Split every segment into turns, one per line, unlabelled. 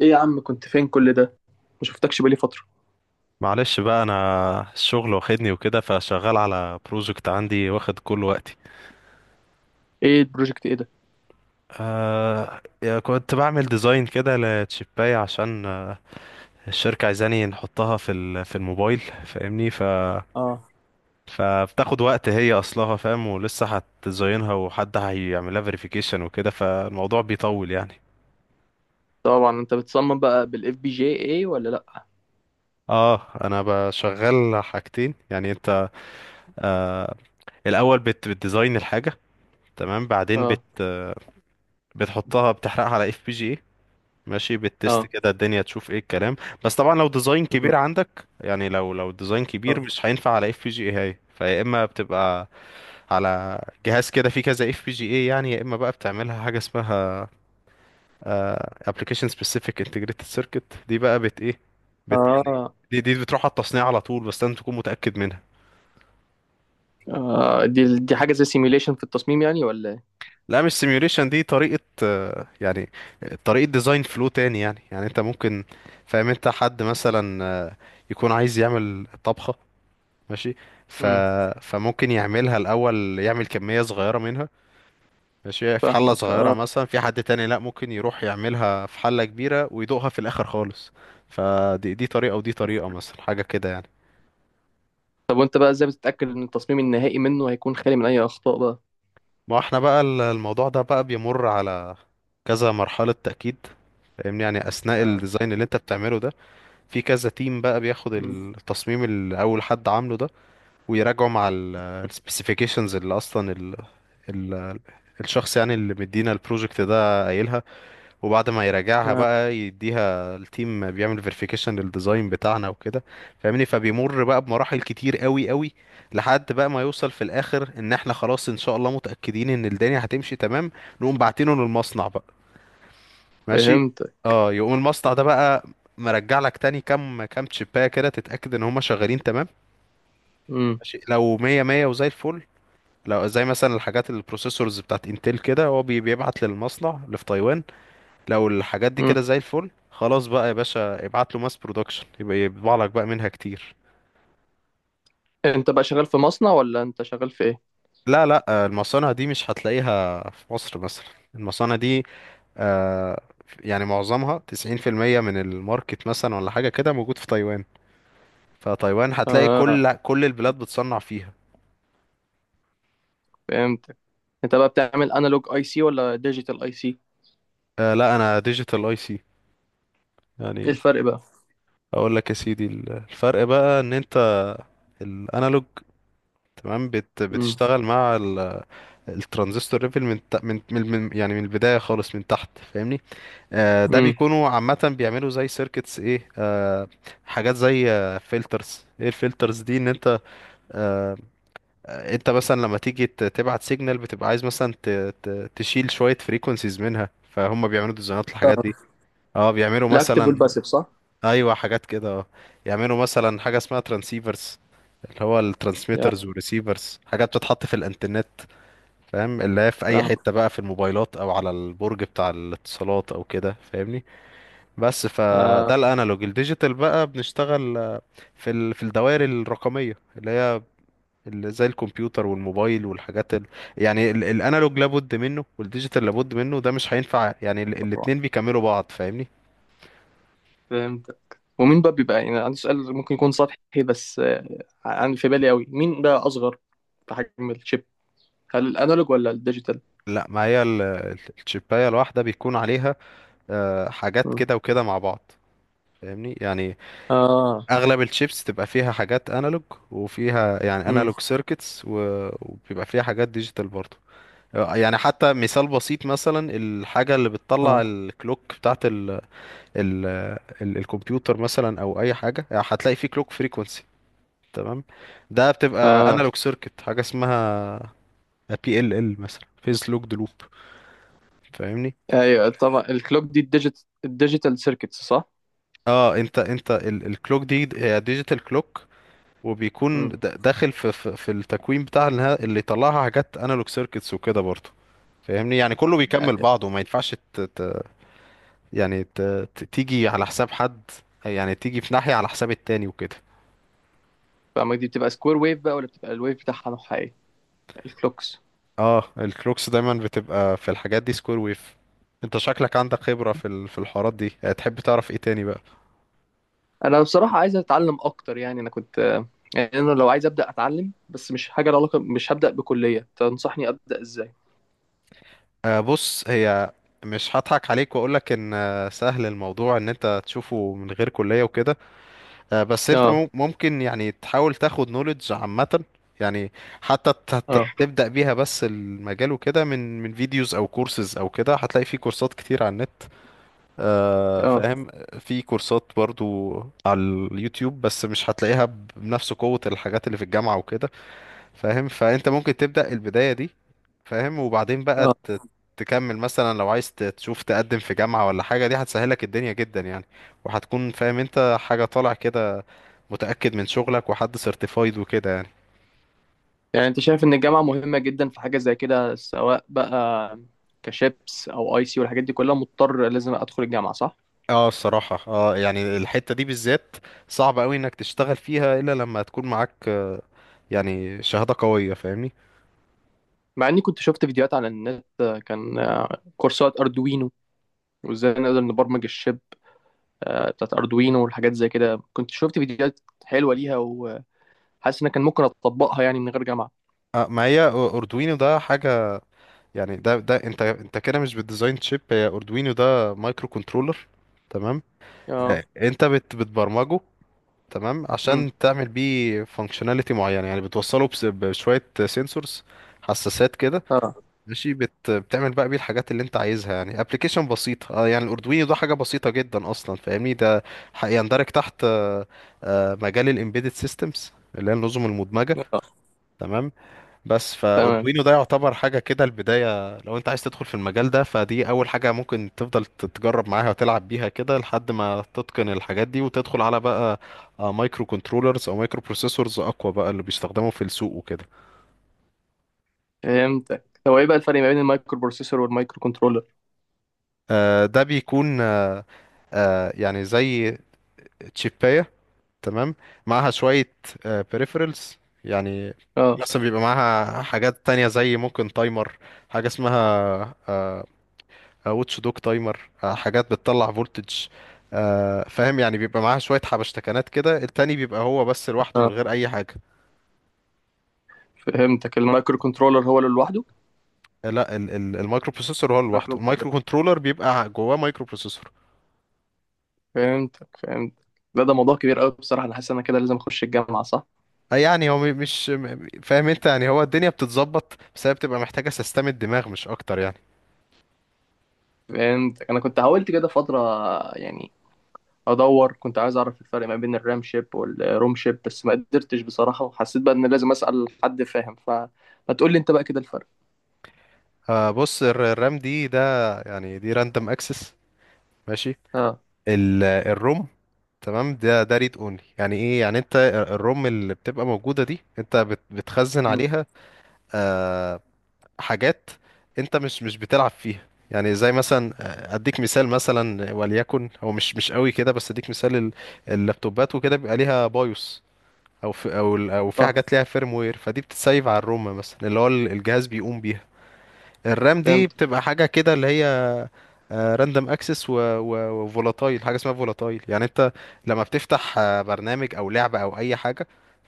ايه يا عم، كنت فين كل ده؟ ما شفتكش بقالي فترة.
معلش بقى، انا الشغل واخدني وكده. فشغال على بروجكت عندي واخد كل وقتي.
ايه البروجكت ايه ده؟
آه يا كنت بعمل ديزاين كده لتشيباية عشان الشركة عايزاني نحطها في الموبايل فاهمني. ف
اه،
فبتاخد وقت، هي اصلها فاهم، ولسه هتديزاينها وحد هيعملها فيريفيكيشن وكده، فالموضوع بيطول يعني.
طبعا انت بتصمم بقى بالاف بي جي ايه ولا لا؟
اه انا بشغل حاجتين يعني. انت آه الاول بتديزاين الحاجة، تمام؟ بعدين
اه.
بتحطها، بتحرقها على اف بي جي، ماشي، بالتست
اه.
كده الدنيا تشوف ايه الكلام. بس طبعا لو ديزاين
مم.
كبير عندك، يعني لو ديزاين كبير
اه.
مش هينفع على اف بي جي اي، هاي فيا اما بتبقى على جهاز كده فيه كذا اف بي جي اي. يعني يا اما بقى بتعملها حاجه اسمها ابلكيشن سبيسيفيك انتجريتد سيركت، دي بقى بت ايه بت يعني
اه.
دي بتروح على التصنيع على طول، بس لازم تكون متاكد منها.
آه، دي حاجة زي سيميوليشن في التصميم يعني ولا ايه؟
لا مش سيميوليشن، دي طريقه، يعني طريقه ديزاين فلو تاني يعني. يعني انت ممكن، فاهم؟ انت حد مثلا يكون عايز يعمل طبخه، ماشي، ف...
امم.
فممكن يعملها الاول، يعمل كميه صغيره منها، ماشي، في حله
فاهمك،
صغيره
اه.
مثلا. في حد تاني لا، ممكن يروح يعملها في حله كبيره ويدوقها في الاخر خالص. فدي طريقه ودي طريقه، مثلا حاجه كده يعني.
طب وانت بقى ازاي بتتأكد ان التصميم النهائي منه هيكون خالي من اي اخطاء بقى؟
ما احنا بقى الموضوع ده بقى بيمر على كذا مرحله تاكيد، فاهمني؟ يعني اثناء
اه.
الديزاين اللي انت بتعمله ده، في كذا تيم بقى بياخد
مم.
التصميم اللي اول حد عامله ده، ويراجعوا مع السبيسيفيكيشنز اللي اصلا ال ال الشخص يعني اللي مدينا البروجكت ده قايلها. وبعد ما يراجعها
اه.
بقى يديها التيم، بيعمل فيريفيكيشن للديزاين بتاعنا وكده. فاهمني؟ فبيمر بقى بمراحل كتير قوي، لحد بقى ما يوصل في الاخر ان احنا خلاص ان شاء الله متأكدين ان الدنيا هتمشي تمام، نقوم باعتينه للمصنع بقى، ماشي.
فهمتك.
اه يقوم المصنع ده بقى مرجع لك تاني كام تشيبايه كده، تتأكد ان هما شغالين تمام،
امم.
ماشي. لو مية مية وزي الفل، لو زي مثلا الحاجات البروسيسورز بتاعت انتل كده، هو بيبعت للمصنع اللي في تايوان. لو الحاجات دي
امم،
كده زي الفل خلاص، بقى يا باشا ابعت له ماس برودكشن، يبقى يطبع لك بقى منها كتير.
انت بقى شغال في مصنع ولا انت شغال في ايه؟
لا لا، المصانع دي مش هتلاقيها في مصر مثلا. المصانع دي آه، يعني معظمها 90% من الماركت مثلا ولا حاجة كده، موجود في تايوان. فتايوان هتلاقي
اه،
كل البلاد بتصنع فيها.
فهمتك. انت بقى بتعمل انالوج اي سي ولا ديجيتال اي سي؟
لا انا ديجيتال اي سي
ايه
يعني.
الفرق بقى؟
اقول لك يا سيدي، الفرق بقى ان انت الانالوج، تمام؟ بت
امم.
بتشتغل مع الترانزستور ليفل يعني من البدايه خالص من تحت، فاهمني؟ آه ده
امم،
بيكونوا عامه بيعملوا زي سيركتس ايه. حاجات زي فلترز ايه. الفلترز دي ان انت آه انت مثلا لما تيجي تبعت سيجنال، بتبقى عايز مثلا ت ت تشيل شويه فريكونسيز منها. فهم بيعملوا ديزاينات للحاجات دي. اه بيعملوا
الاكتف
مثلا،
والباسيف صح؟
ايوه حاجات كده اه. يعملوا مثلا حاجه اسمها ترانسيفرز، اللي هو
يا
الترانسميترز والريسيفرز، حاجات بتتحط في الانترنت. فاهم؟ اللي هي في اي
فاهم.
حته بقى في الموبايلات او على البرج بتاع الاتصالات او كده، فاهمني؟ بس.
آه.
فده الانالوج. الديجيتال بقى بنشتغل في في الدوائر الرقميه اللي هي اللي زي الكمبيوتر والموبايل يعني الانالوج لابد منه والديجيتال لابد منه، ده مش هينفع يعني. الاتنين بيكملوا بعض، فاهمني؟
فهمتك. ومين بقى بيبقى، يعني عندي سؤال ممكن يكون سطحي بس عن في بالي قوي، مين بقى اصغر في حجم الشيب، هل الانالوج ولا الديجيتال؟
لا ما هي الشيبايه الواحده بيكون عليها حاجات
مم.
كده وكده مع بعض، فاهمني يعني.
اه.
اغلب الشيبس تبقى فيها حاجات انالوج، وفيها يعني
امم.
انالوج سيركتس، وبيبقى فيها حاجات ديجيتال برضه يعني. حتى مثال بسيط، مثلا الحاجة اللي بتطلع
اه.
الكلوك بتاعت ال ال ال الكمبيوتر مثلا او اي حاجة، يعني هتلاقي فيه كلوك فريكونسي، تمام؟ ده بتبقى
اه.
انالوج سيركت، حاجة اسمها بي ال ال مثلا، فيز لوكد لوب، فاهمني؟
ايوه طبعا، الكلوك دي الديجيت الديجيتال سيركتس صح؟
اه انت الكلوك دي هي ديجيتال كلوك، وبيكون
امم،
داخل في التكوين بتاع اللي يطلعها حاجات انالوج سيركتس وكده برضه، فاهمني؟ يعني كله بيكمل بعضه. ما ينفعش يعني تيجي على حساب حد، يعني تيجي في ناحية على حساب التاني وكده.
فما دي بتبقى سكوير ويف بقى ولا بتبقى الويف بتاعها نوعها ايه، الكلوكس؟
اه الكلوكس دايما بتبقى في الحاجات دي سكوير ويف. انت شكلك عندك خبرة في في الحوارات دي، تحب تعرف ايه تاني بقى؟
انا بصراحة عايز اتعلم اكتر، يعني انا كنت يعني انا لو عايز ابدا اتعلم بس مش حاجة لها علاقة، مش هبدا بكلية، تنصحني ابدا ازاي؟
بص، هي مش هضحك عليك واقولك ان سهل الموضوع ان انت تشوفه من غير كلية وكده، بس انت
اه.
ممكن يعني تحاول تاخد نوليدج عامة يعني، حتى
اه.
تبدأ بيها بس المجال وكده، من فيديوز او كورسز او كده. هتلاقي في كورسات كتير على النت،
اه.
فاهم. في كورسات برضو على اليوتيوب، بس مش هتلاقيها بنفس قوة الحاجات اللي في الجامعة وكده، فاهم؟ فانت ممكن تبدأ البداية دي، فاهم؟ وبعدين بقى
اه.
تكمل مثلا لو عايز تشوف تقدم في جامعة ولا حاجة، دي هتسهلك الدنيا جدا يعني. وهتكون فاهم انت حاجة طالع كده، متأكد من شغلك، وحد سيرتيفايد وكده يعني.
يعني انت شايف ان الجامعة مهمة جدا في حاجة زي كده، سواء بقى كشيبس او اي سي والحاجات دي كلها، مضطر لازم ادخل الجامعة صح؟
اه الصراحة اه، يعني الحتة دي بالذات صعب قوي انك تشتغل فيها الا لما تكون معاك يعني شهادة قوية، فاهمني.
مع اني كنت شفت فيديوهات على النت، كان كورسات اردوينو، وازاي نقدر نبرمج الشيب بتاعت اردوينو والحاجات زي كده، كنت شفت فيديوهات حلوة ليها وحاسس ان كان ممكن اطبقها يعني من غير جامعة.
اه ما هي اردوينو ده حاجة يعني. ده انت كده مش بالديزاين تشيب، هي اردوينو ده مايكرو كنترولر، تمام؟
اه.
انت بتبرمجه، تمام،
امم.
عشان تعمل بيه فانكشناليتي معينه. يعني بتوصله بشويه سنسورز، حساسات كده،
اه.
ماشي. بتعمل بقى بيه الحاجات اللي انت عايزها، يعني ابلكيشن بسيطه. اه يعني الاردوينو ده حاجه بسيطه جدا اصلا، فاهمني؟ ده يندرج تحت مجال الامبيدد سيستمز، اللي هي النظم المدمجه،
اه.
تمام. بس
تمام.
فاردوينو ده يعتبر حاجه كده البدايه، لو انت عايز تدخل في المجال ده فدي اول حاجه ممكن تفضل تتجرب معاها وتلعب بيها كده، لحد ما تتقن الحاجات دي وتدخل على بقى مايكرو كنترولرز او مايكرو بروسيسورز اقوى بقى، اللي بيستخدموا في السوق وكده.
فهمتك. هو ايه بقى الفرق ما بين المايكرو بروسيسور والمايكرو كنترولر؟
ده بيكون يعني زي تشيباية، تمام، معاها شوية peripherals يعني.
اه.
مثلا بيبقى معاها حاجات تانية زي ممكن تايمر، حاجة اسمها آه، واتش دوج تايمر، حاجات بتطلع فولتج، فاهم؟ يعني بيبقى معاها شوية حبشتكنات كده. التاني بيبقى هو بس لوحده من
اه،
غير أي حاجة.
فهمتك، المايكرو كنترولر هو اللي لوحده.
لا، المايكرو بروسيسور هو لوحده،
المايكرو،
المايكرو كنترولر بيبقى جواه مايكرو بروسيسور.
فهمتك. فهمت. لا ده موضوع كبير قوي بصراحة، أنا حاسس إن أنا كده لازم أخش الجامعة صح.
يعني هو مش فاهم انت، يعني هو الدنيا بتتظبط، بس هي بتبقى محتاجة سيستم الدماغ مش أكتر يعني.
فهمتك. أنا كنت حاولت كده فترة، يعني أدور، كنت عايز أعرف الفرق ما بين الرام شيب والروم شيب بس ما قدرتش بصراحة، وحسيت بقى إن لازم أسأل حد فاهم، فما تقول لي أنت بقى كده الفرق.
بص الرام دي، ده يعني دي راندوم اكسس، ماشي.
أه.
الروم، تمام، ده ريد اونلي. يعني ايه؟ يعني انت الروم اللي بتبقى موجوده دي انت بتخزن
أمم.
عليها آه، حاجات انت مش بتلعب فيها. يعني زي مثلا اديك مثال مثلا، وليكن هو مش قوي كده بس اديك مثال، اللابتوبات وكده بيبقى ليها بايوس، او في او او في
صح.
حاجات ليها فيرم وير، فدي بتتسيف على الروم مثلا، اللي هو الجهاز بيقوم بيها. الرام دي
فهمت.
بتبقى حاجه كده، اللي هي راندوم اكسس وفولاتايل. حاجه اسمها فولاتايل، يعني انت لما بتفتح برنامج او لعبه او اي حاجه،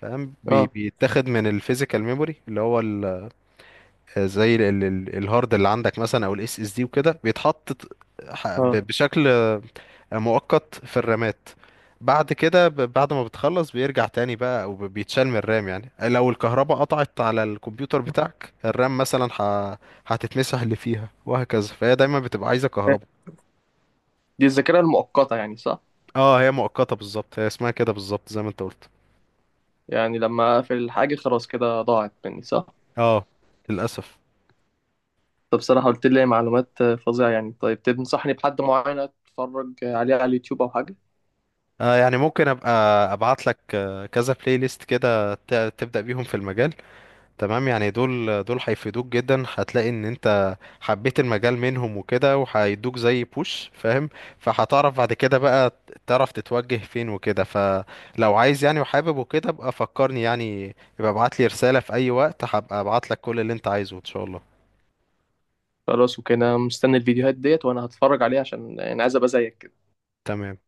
فاهم؟
أه.
بيتاخد من الفيزيكال ميموري، اللي هو زي الهارد اللي عندك مثلا او الاس اس دي وكده، بيتحط
أه،
بشكل مؤقت في الرامات. بعد كده بعد ما بتخلص بيرجع تاني بقى، او بيتشال من الرام. يعني لو الكهرباء قطعت على الكمبيوتر بتاعك، الرام مثلا هتتمسح اللي فيها، وهكذا. فهي دايما بتبقى عايزة كهرباء.
دي الذاكرة المؤقتة يعني صح؟
اه هي مؤقتة بالظبط، هي اسمها كده بالظبط زي ما انت قلت.
يعني لما أقفل الحاجة خلاص كده ضاعت مني صح؟
اه، للأسف.
طب بصراحة قلت لي معلومات فظيعة يعني. طيب تنصحني بحد معين أتفرج عليه على اليوتيوب أو حاجة؟
آه يعني ممكن ابقى ابعت لك كذا بلاي ليست كده، تبدأ بيهم في المجال، تمام. يعني دول هيفيدوك جدا، هتلاقي ان انت حبيت المجال منهم وكده، وهيدوك زي بوش، فاهم؟ فهتعرف بعد كده بقى تعرف تتوجه فين وكده. فلو عايز يعني وحابب وكده ابقى فكرني يعني، يبقى ابعت لي رسالة في اي وقت، هبقى ابعت لك كل اللي انت عايزه ان شاء الله.
خلاص، وكده مستني الفيديوهات ديت وانا هتفرج عليها، عشان يعني عايز ابقى زيك كده.
تمام.